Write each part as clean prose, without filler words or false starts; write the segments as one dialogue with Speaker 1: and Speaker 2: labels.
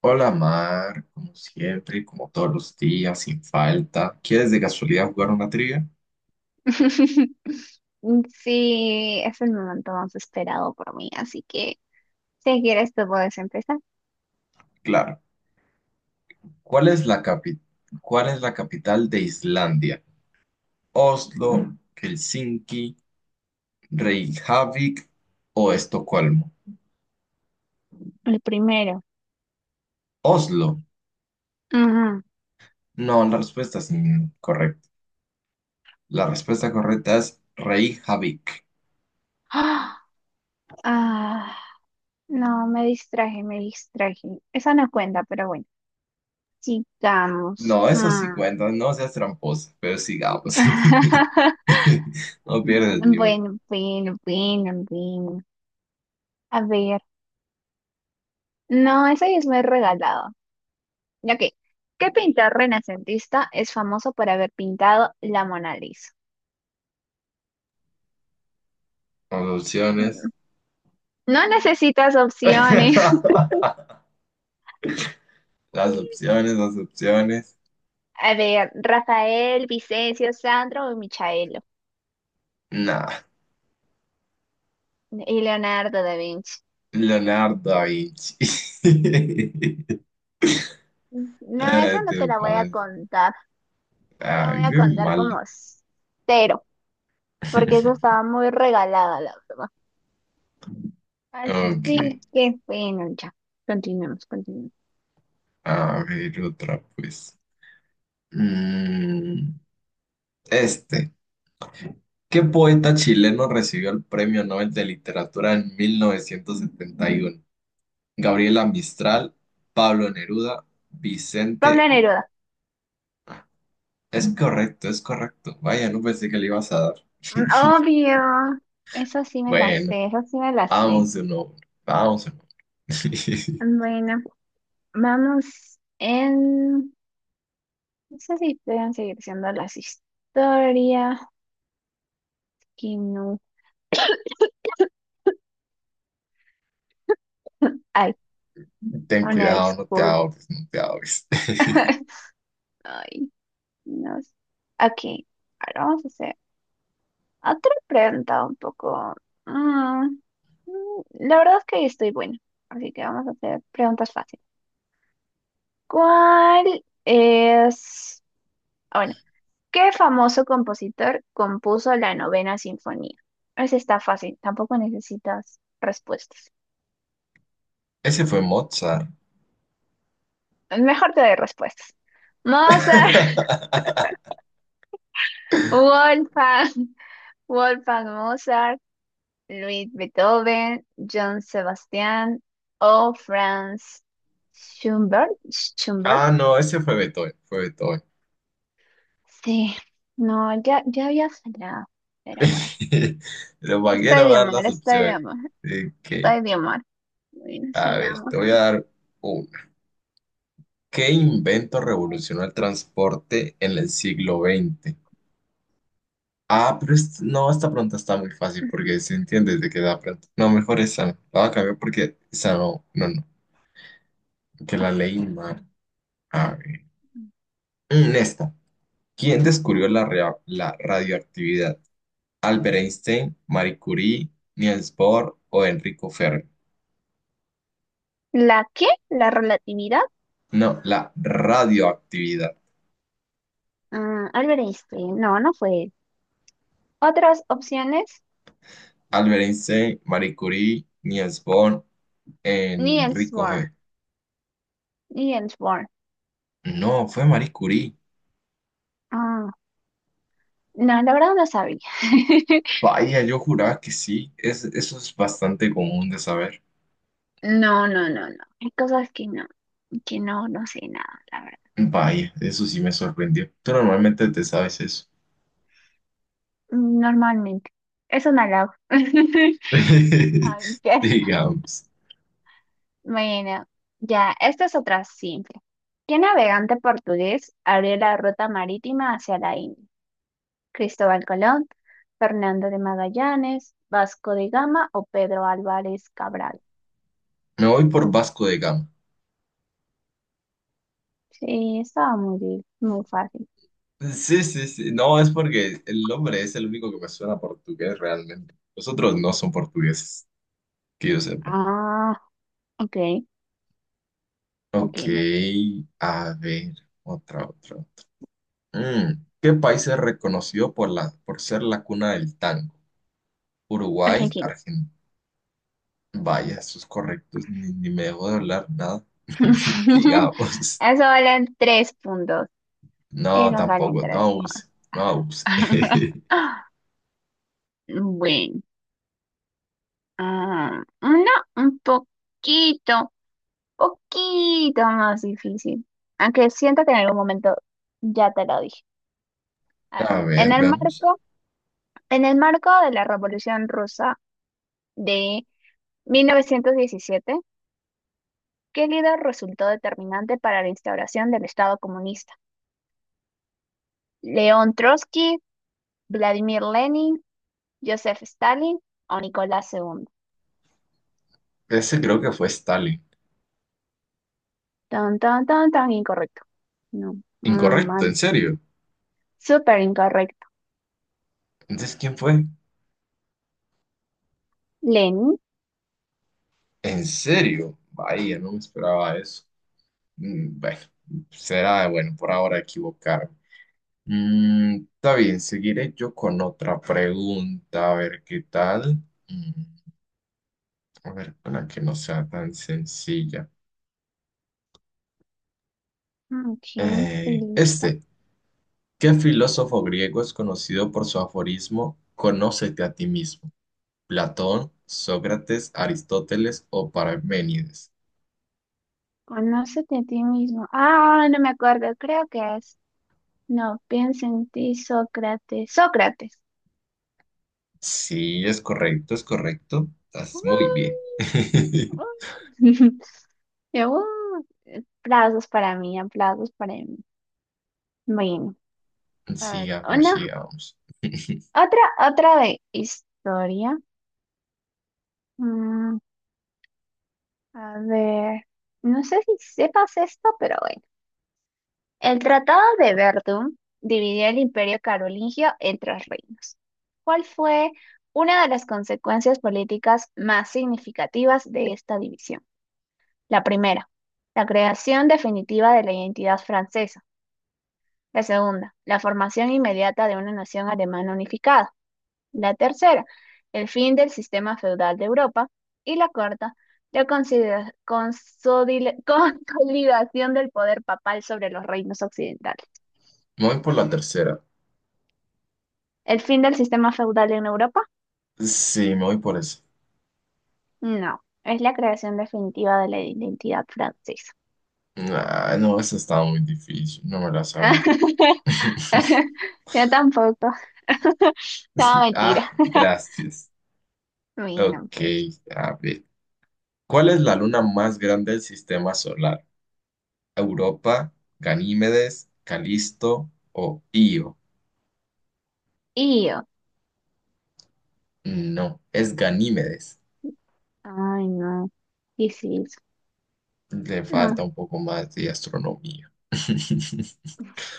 Speaker 1: Hola Mar, como siempre, como todos los días, sin falta. ¿Quieres de casualidad jugar una trivia?
Speaker 2: Sí, es el momento más esperado por mí, así que si quieres tú puedes empezar.
Speaker 1: Claro. ¿Cuál es la capital de Islandia? ¿Oslo, Helsinki, Reykjavik o Estocolmo?
Speaker 2: El primero.
Speaker 1: Oslo.
Speaker 2: Ujú.
Speaker 1: No, la respuesta es incorrecta. La respuesta correcta es Reykjavik.
Speaker 2: ¡Ah! Ah, no, me distraje, me distraje. Esa no cuenta, pero bueno, sigamos.
Speaker 1: No, eso sí
Speaker 2: Mm.
Speaker 1: cuenta, no seas tramposa, pero sigamos. No pierdes
Speaker 2: Bueno,
Speaker 1: ni una.
Speaker 2: bueno, bueno, bueno. A ver, no, esa ya es muy regalado. Ok, ¿qué pintor renacentista es famoso por haber pintado la Mona Lisa?
Speaker 1: Las opciones.
Speaker 2: No necesitas opciones.
Speaker 1: Las opciones, las opciones.
Speaker 2: A ver, Rafael, Vicencio, Sandro y Michaelo.
Speaker 1: Nah,
Speaker 2: Y Leonardo da Vinci.
Speaker 1: Leonardo da Vinci.
Speaker 2: No,
Speaker 1: Eh,
Speaker 2: esa no te
Speaker 1: te
Speaker 2: la voy a
Speaker 1: pasas.
Speaker 2: contar. Te la
Speaker 1: Ay,
Speaker 2: voy a
Speaker 1: qué
Speaker 2: contar
Speaker 1: mal.
Speaker 2: como cero, porque eso estaba muy regalada, la verdad.
Speaker 1: Ok,
Speaker 2: Así que, bueno, ya. Continuemos, continuemos.
Speaker 1: a ver otra pues. Mm, este. ¿Qué poeta chileno recibió el Premio Nobel de Literatura en 1971? Gabriela Mistral, Pablo Neruda,
Speaker 2: Pablo
Speaker 1: Vicente Hugo.
Speaker 2: Neruda.
Speaker 1: Es correcto, es correcto. Vaya, no pensé que le ibas a dar.
Speaker 2: Obvio. Eso sí me la
Speaker 1: Bueno.
Speaker 2: sé, eso sí me la sé.
Speaker 1: Vamos de nuevo, vamos de nuevo.
Speaker 2: Bueno, vamos en... No sé si pueden seguir siendo las historias. Que no. Ay.
Speaker 1: Ten
Speaker 2: Una
Speaker 1: cuidado, no te
Speaker 2: disculpa.
Speaker 1: ahogues, no te ahogues.
Speaker 2: Ay, no sé. Aquí, ahora vamos a hacer otra pregunta un poco. mm, la verdad es que estoy buena, así que vamos a hacer preguntas fáciles. ¿Cuál es... ah, bueno, ¿qué famoso compositor compuso la novena sinfonía? Esa está fácil, tampoco necesitas respuestas.
Speaker 1: Ese fue Mozart.
Speaker 2: Mejor te doy respuestas. Mozart, Wolfgang, Wolfgang Mozart. Luis Beethoven, John Sebastián o Franz Schubert. Schubert.
Speaker 1: Ah, no, ese fue Beethoven, fue Beethoven.
Speaker 2: Sí, no, ya, ya había fallado, pero bueno,
Speaker 1: Pero
Speaker 2: no
Speaker 1: para qué
Speaker 2: está
Speaker 1: no me dan
Speaker 2: idiomar,
Speaker 1: las
Speaker 2: está
Speaker 1: opciones.
Speaker 2: idiomar,
Speaker 1: Ok,
Speaker 2: está idiomar. Bueno,
Speaker 1: a ver,
Speaker 2: sigamos.
Speaker 1: te voy a dar una. ¿Qué invento revolucionó el transporte en el siglo XX? Ah, pero es- no, esta pregunta está muy fácil porque se entiende desde que da pregunta. No, mejor esa no. La voy a cambiar porque esa no, no, no. Que la ley humana. A ver. Esta. ¿Quién descubrió la radioactividad? ¿Albert Einstein, Marie Curie, Niels Bohr o Enrico Fermi?
Speaker 2: ¿La qué? ¿La relatividad?
Speaker 1: No, la radioactividad.
Speaker 2: Albert Einstein, no, no fue él. Otras opciones,
Speaker 1: Albert Einstein, Marie Curie, Niels Bohr,
Speaker 2: Niels
Speaker 1: Enrico
Speaker 2: Bohr,
Speaker 1: Fermi.
Speaker 2: Niels Bohr.
Speaker 1: No, fue Marie Curie.
Speaker 2: Ah, no, la verdad no sabía.
Speaker 1: Vaya, yo juraba que sí. Eso es bastante común de saber.
Speaker 2: No, no, no, no. Hay cosas que no, no sé nada, la verdad.
Speaker 1: Vaya, eso sí me sorprendió. Tú normalmente te sabes eso.
Speaker 2: Normalmente. Es un halago. Ok.
Speaker 1: Digamos.
Speaker 2: Bueno, ya, esta es otra simple. ¿Qué navegante portugués abrió la ruta marítima hacia la India? ¿Cristóbal Colón, Fernando de Magallanes, Vasco de Gama o Pedro Álvarez Cabral?
Speaker 1: Me voy por Vasco de Gama.
Speaker 2: Sí, estaba muy, muy fácil.
Speaker 1: Sí, sí, sí. No, es porque el nombre es el único que me suena a portugués realmente. Los otros no son portugueses, que yo sepa.
Speaker 2: Ah, ok, ok.
Speaker 1: Ok, a ver, otra, otra. Mm. ¿Qué país es reconocido por ser la cuna del tango? Uruguay,
Speaker 2: Argentina.
Speaker 1: Argentina. Vaya, eso es correcto. Ni me dejó de hablar nada. Digamos.
Speaker 2: Eso valen tres puntos.
Speaker 1: No,
Speaker 2: Esos valen
Speaker 1: tampoco. No
Speaker 2: tres
Speaker 1: abuse. No
Speaker 2: puntos.
Speaker 1: abuse.
Speaker 2: Bueno. Ah, no, un poquito, poquito más difícil. Aunque siento que en algún momento ya te lo dije. A ver,
Speaker 1: A
Speaker 2: en
Speaker 1: ver,
Speaker 2: el
Speaker 1: veamos.
Speaker 2: marco, en el marco de la Revolución Rusa de 1917, ¿qué líder resultó determinante para la instauración del Estado comunista? ¿León Trotsky, Vladimir Lenin, Joseph Stalin o Nicolás II?
Speaker 1: Ese creo que fue Stalin.
Speaker 2: Tan, tan, tan, tan incorrecto. No, muy
Speaker 1: Incorrecto,
Speaker 2: mal.
Speaker 1: en serio.
Speaker 2: Súper incorrecto.
Speaker 1: Entonces, ¿quién fue?
Speaker 2: Lenin.
Speaker 1: ¿En serio? Vaya, no me esperaba eso. Mm. Bueno, será bueno por ahora equivocarme. Está bien, seguiré yo con otra pregunta, a ver qué tal. Mm, a ver, una que no sea tan sencilla.
Speaker 2: Ok, estoy
Speaker 1: Eh,
Speaker 2: lista.
Speaker 1: este, ¿Qué filósofo griego es conocido por su aforismo Conócete a ti mismo? ¿Platón, Sócrates, Aristóteles o Parménides?
Speaker 2: Conócete a ti mismo. Ah, no me acuerdo, creo que es. No, piensa en ti, Sócrates. Sócrates.
Speaker 1: Sí, es correcto, es correcto.
Speaker 2: Uh,
Speaker 1: Estás muy bien.
Speaker 2: uh. Yo, aplausos para mí, aplausos para mí. Bueno, a ver,
Speaker 1: Sigamos,
Speaker 2: una,
Speaker 1: sigamos.
Speaker 2: otra, otra de historia. Mm, a ver, no sé si sepas esto, pero bueno. El Tratado de Verdún dividió el Imperio carolingio en tres reinos, ¿cuál fue una de las consecuencias políticas más significativas de esta división? La primera, la creación definitiva de la identidad francesa. La segunda, la formación inmediata de una nación alemana unificada. La tercera, el fin del sistema feudal de Europa. Y la cuarta, la consolidación del poder papal sobre los reinos occidentales.
Speaker 1: Me voy por la tercera.
Speaker 2: ¿El fin del sistema feudal en Europa?
Speaker 1: Sí, me voy por esa.
Speaker 2: No, es la creación definitiva de la identidad francesa.
Speaker 1: Ah, no, esa estaba muy difícil. No me la sabía.
Speaker 2: Yo tampoco. No,
Speaker 1: Ah,
Speaker 2: mentira.
Speaker 1: gracias.
Speaker 2: Ay, no,
Speaker 1: Ok,
Speaker 2: pues.
Speaker 1: a ver. ¿Cuál es la luna más grande del sistema solar? ¿Europa, Ganímedes, Calisto o Io?
Speaker 2: Y yo.
Speaker 1: No, es Ganímedes.
Speaker 2: Ay, no. ¿Qué es eso?
Speaker 1: Le
Speaker 2: No.
Speaker 1: falta un poco más de astronomía.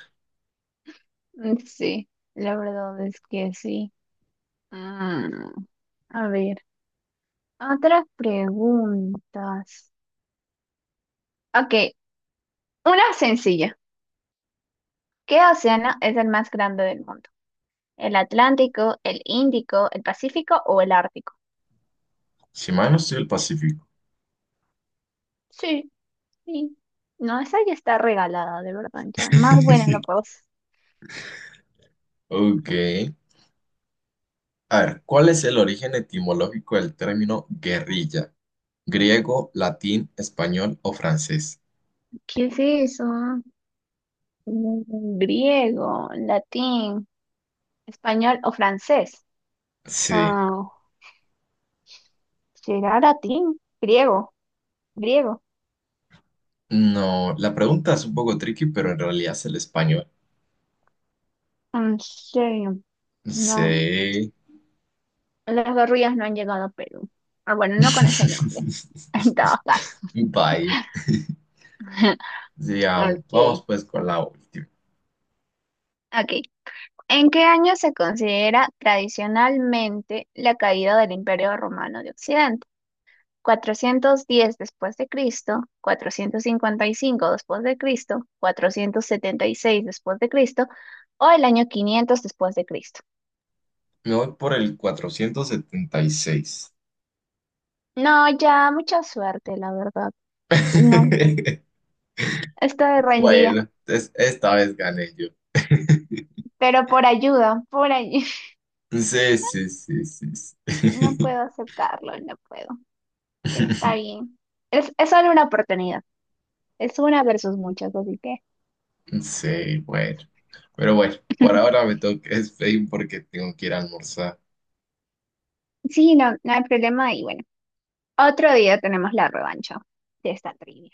Speaker 2: Mm, sí, la verdad es que sí. Mm, a ver, otras preguntas. Ok, una sencilla. ¿Qué océano es el más grande del mundo? ¿El Atlántico, el Índico, el Pacífico o el Ártico?
Speaker 1: Si mal no estoy el Pacífico.
Speaker 2: Sí, sí. No, esa ya está regalada, de verdad, ya. Más buena no puedo hacer.
Speaker 1: Ok. A ver, ¿cuál es el origen etimológico del término guerrilla? ¿Griego, latín, español o francés?
Speaker 2: ¿Qué es eso? Griego, latín, español o francés.
Speaker 1: Sí.
Speaker 2: Ah, ¿será latín? Griego, griego.
Speaker 1: No, la pregunta es un poco tricky, pero en realidad es el español.
Speaker 2: En serio, no.
Speaker 1: Sí.
Speaker 2: Las gorrillas no han llegado a Perú. Ah, bueno, no con ese nombre, en todo caso.
Speaker 1: Vaya. Digamos, vamos
Speaker 2: Ok,
Speaker 1: pues con la última.
Speaker 2: ok. ¿En qué año se considera tradicionalmente la caída del Imperio Romano de Occidente? ¿410 después de Cristo? ¿455 después de Cristo? ¿476 después de Cristo? ¿O el año 500 después de Cristo?
Speaker 1: Me voy por el 476.
Speaker 2: No, ya, mucha suerte, la verdad. No, estoy rendida,
Speaker 1: Bueno, esta vez gané yo.
Speaker 2: pero por ayuda, por ayuda.
Speaker 1: Sí, sí, sí, sí,
Speaker 2: No
Speaker 1: sí.
Speaker 2: puedo aceptarlo, no puedo. Está bien. Es solo una oportunidad. Es una versus muchas, así que...
Speaker 1: Sí, bueno. Pero bueno, por ahora me tengo que despedir porque tengo que ir a almorzar.
Speaker 2: Sí, no, no hay problema y bueno, otro día tenemos la revancha de esta trivia.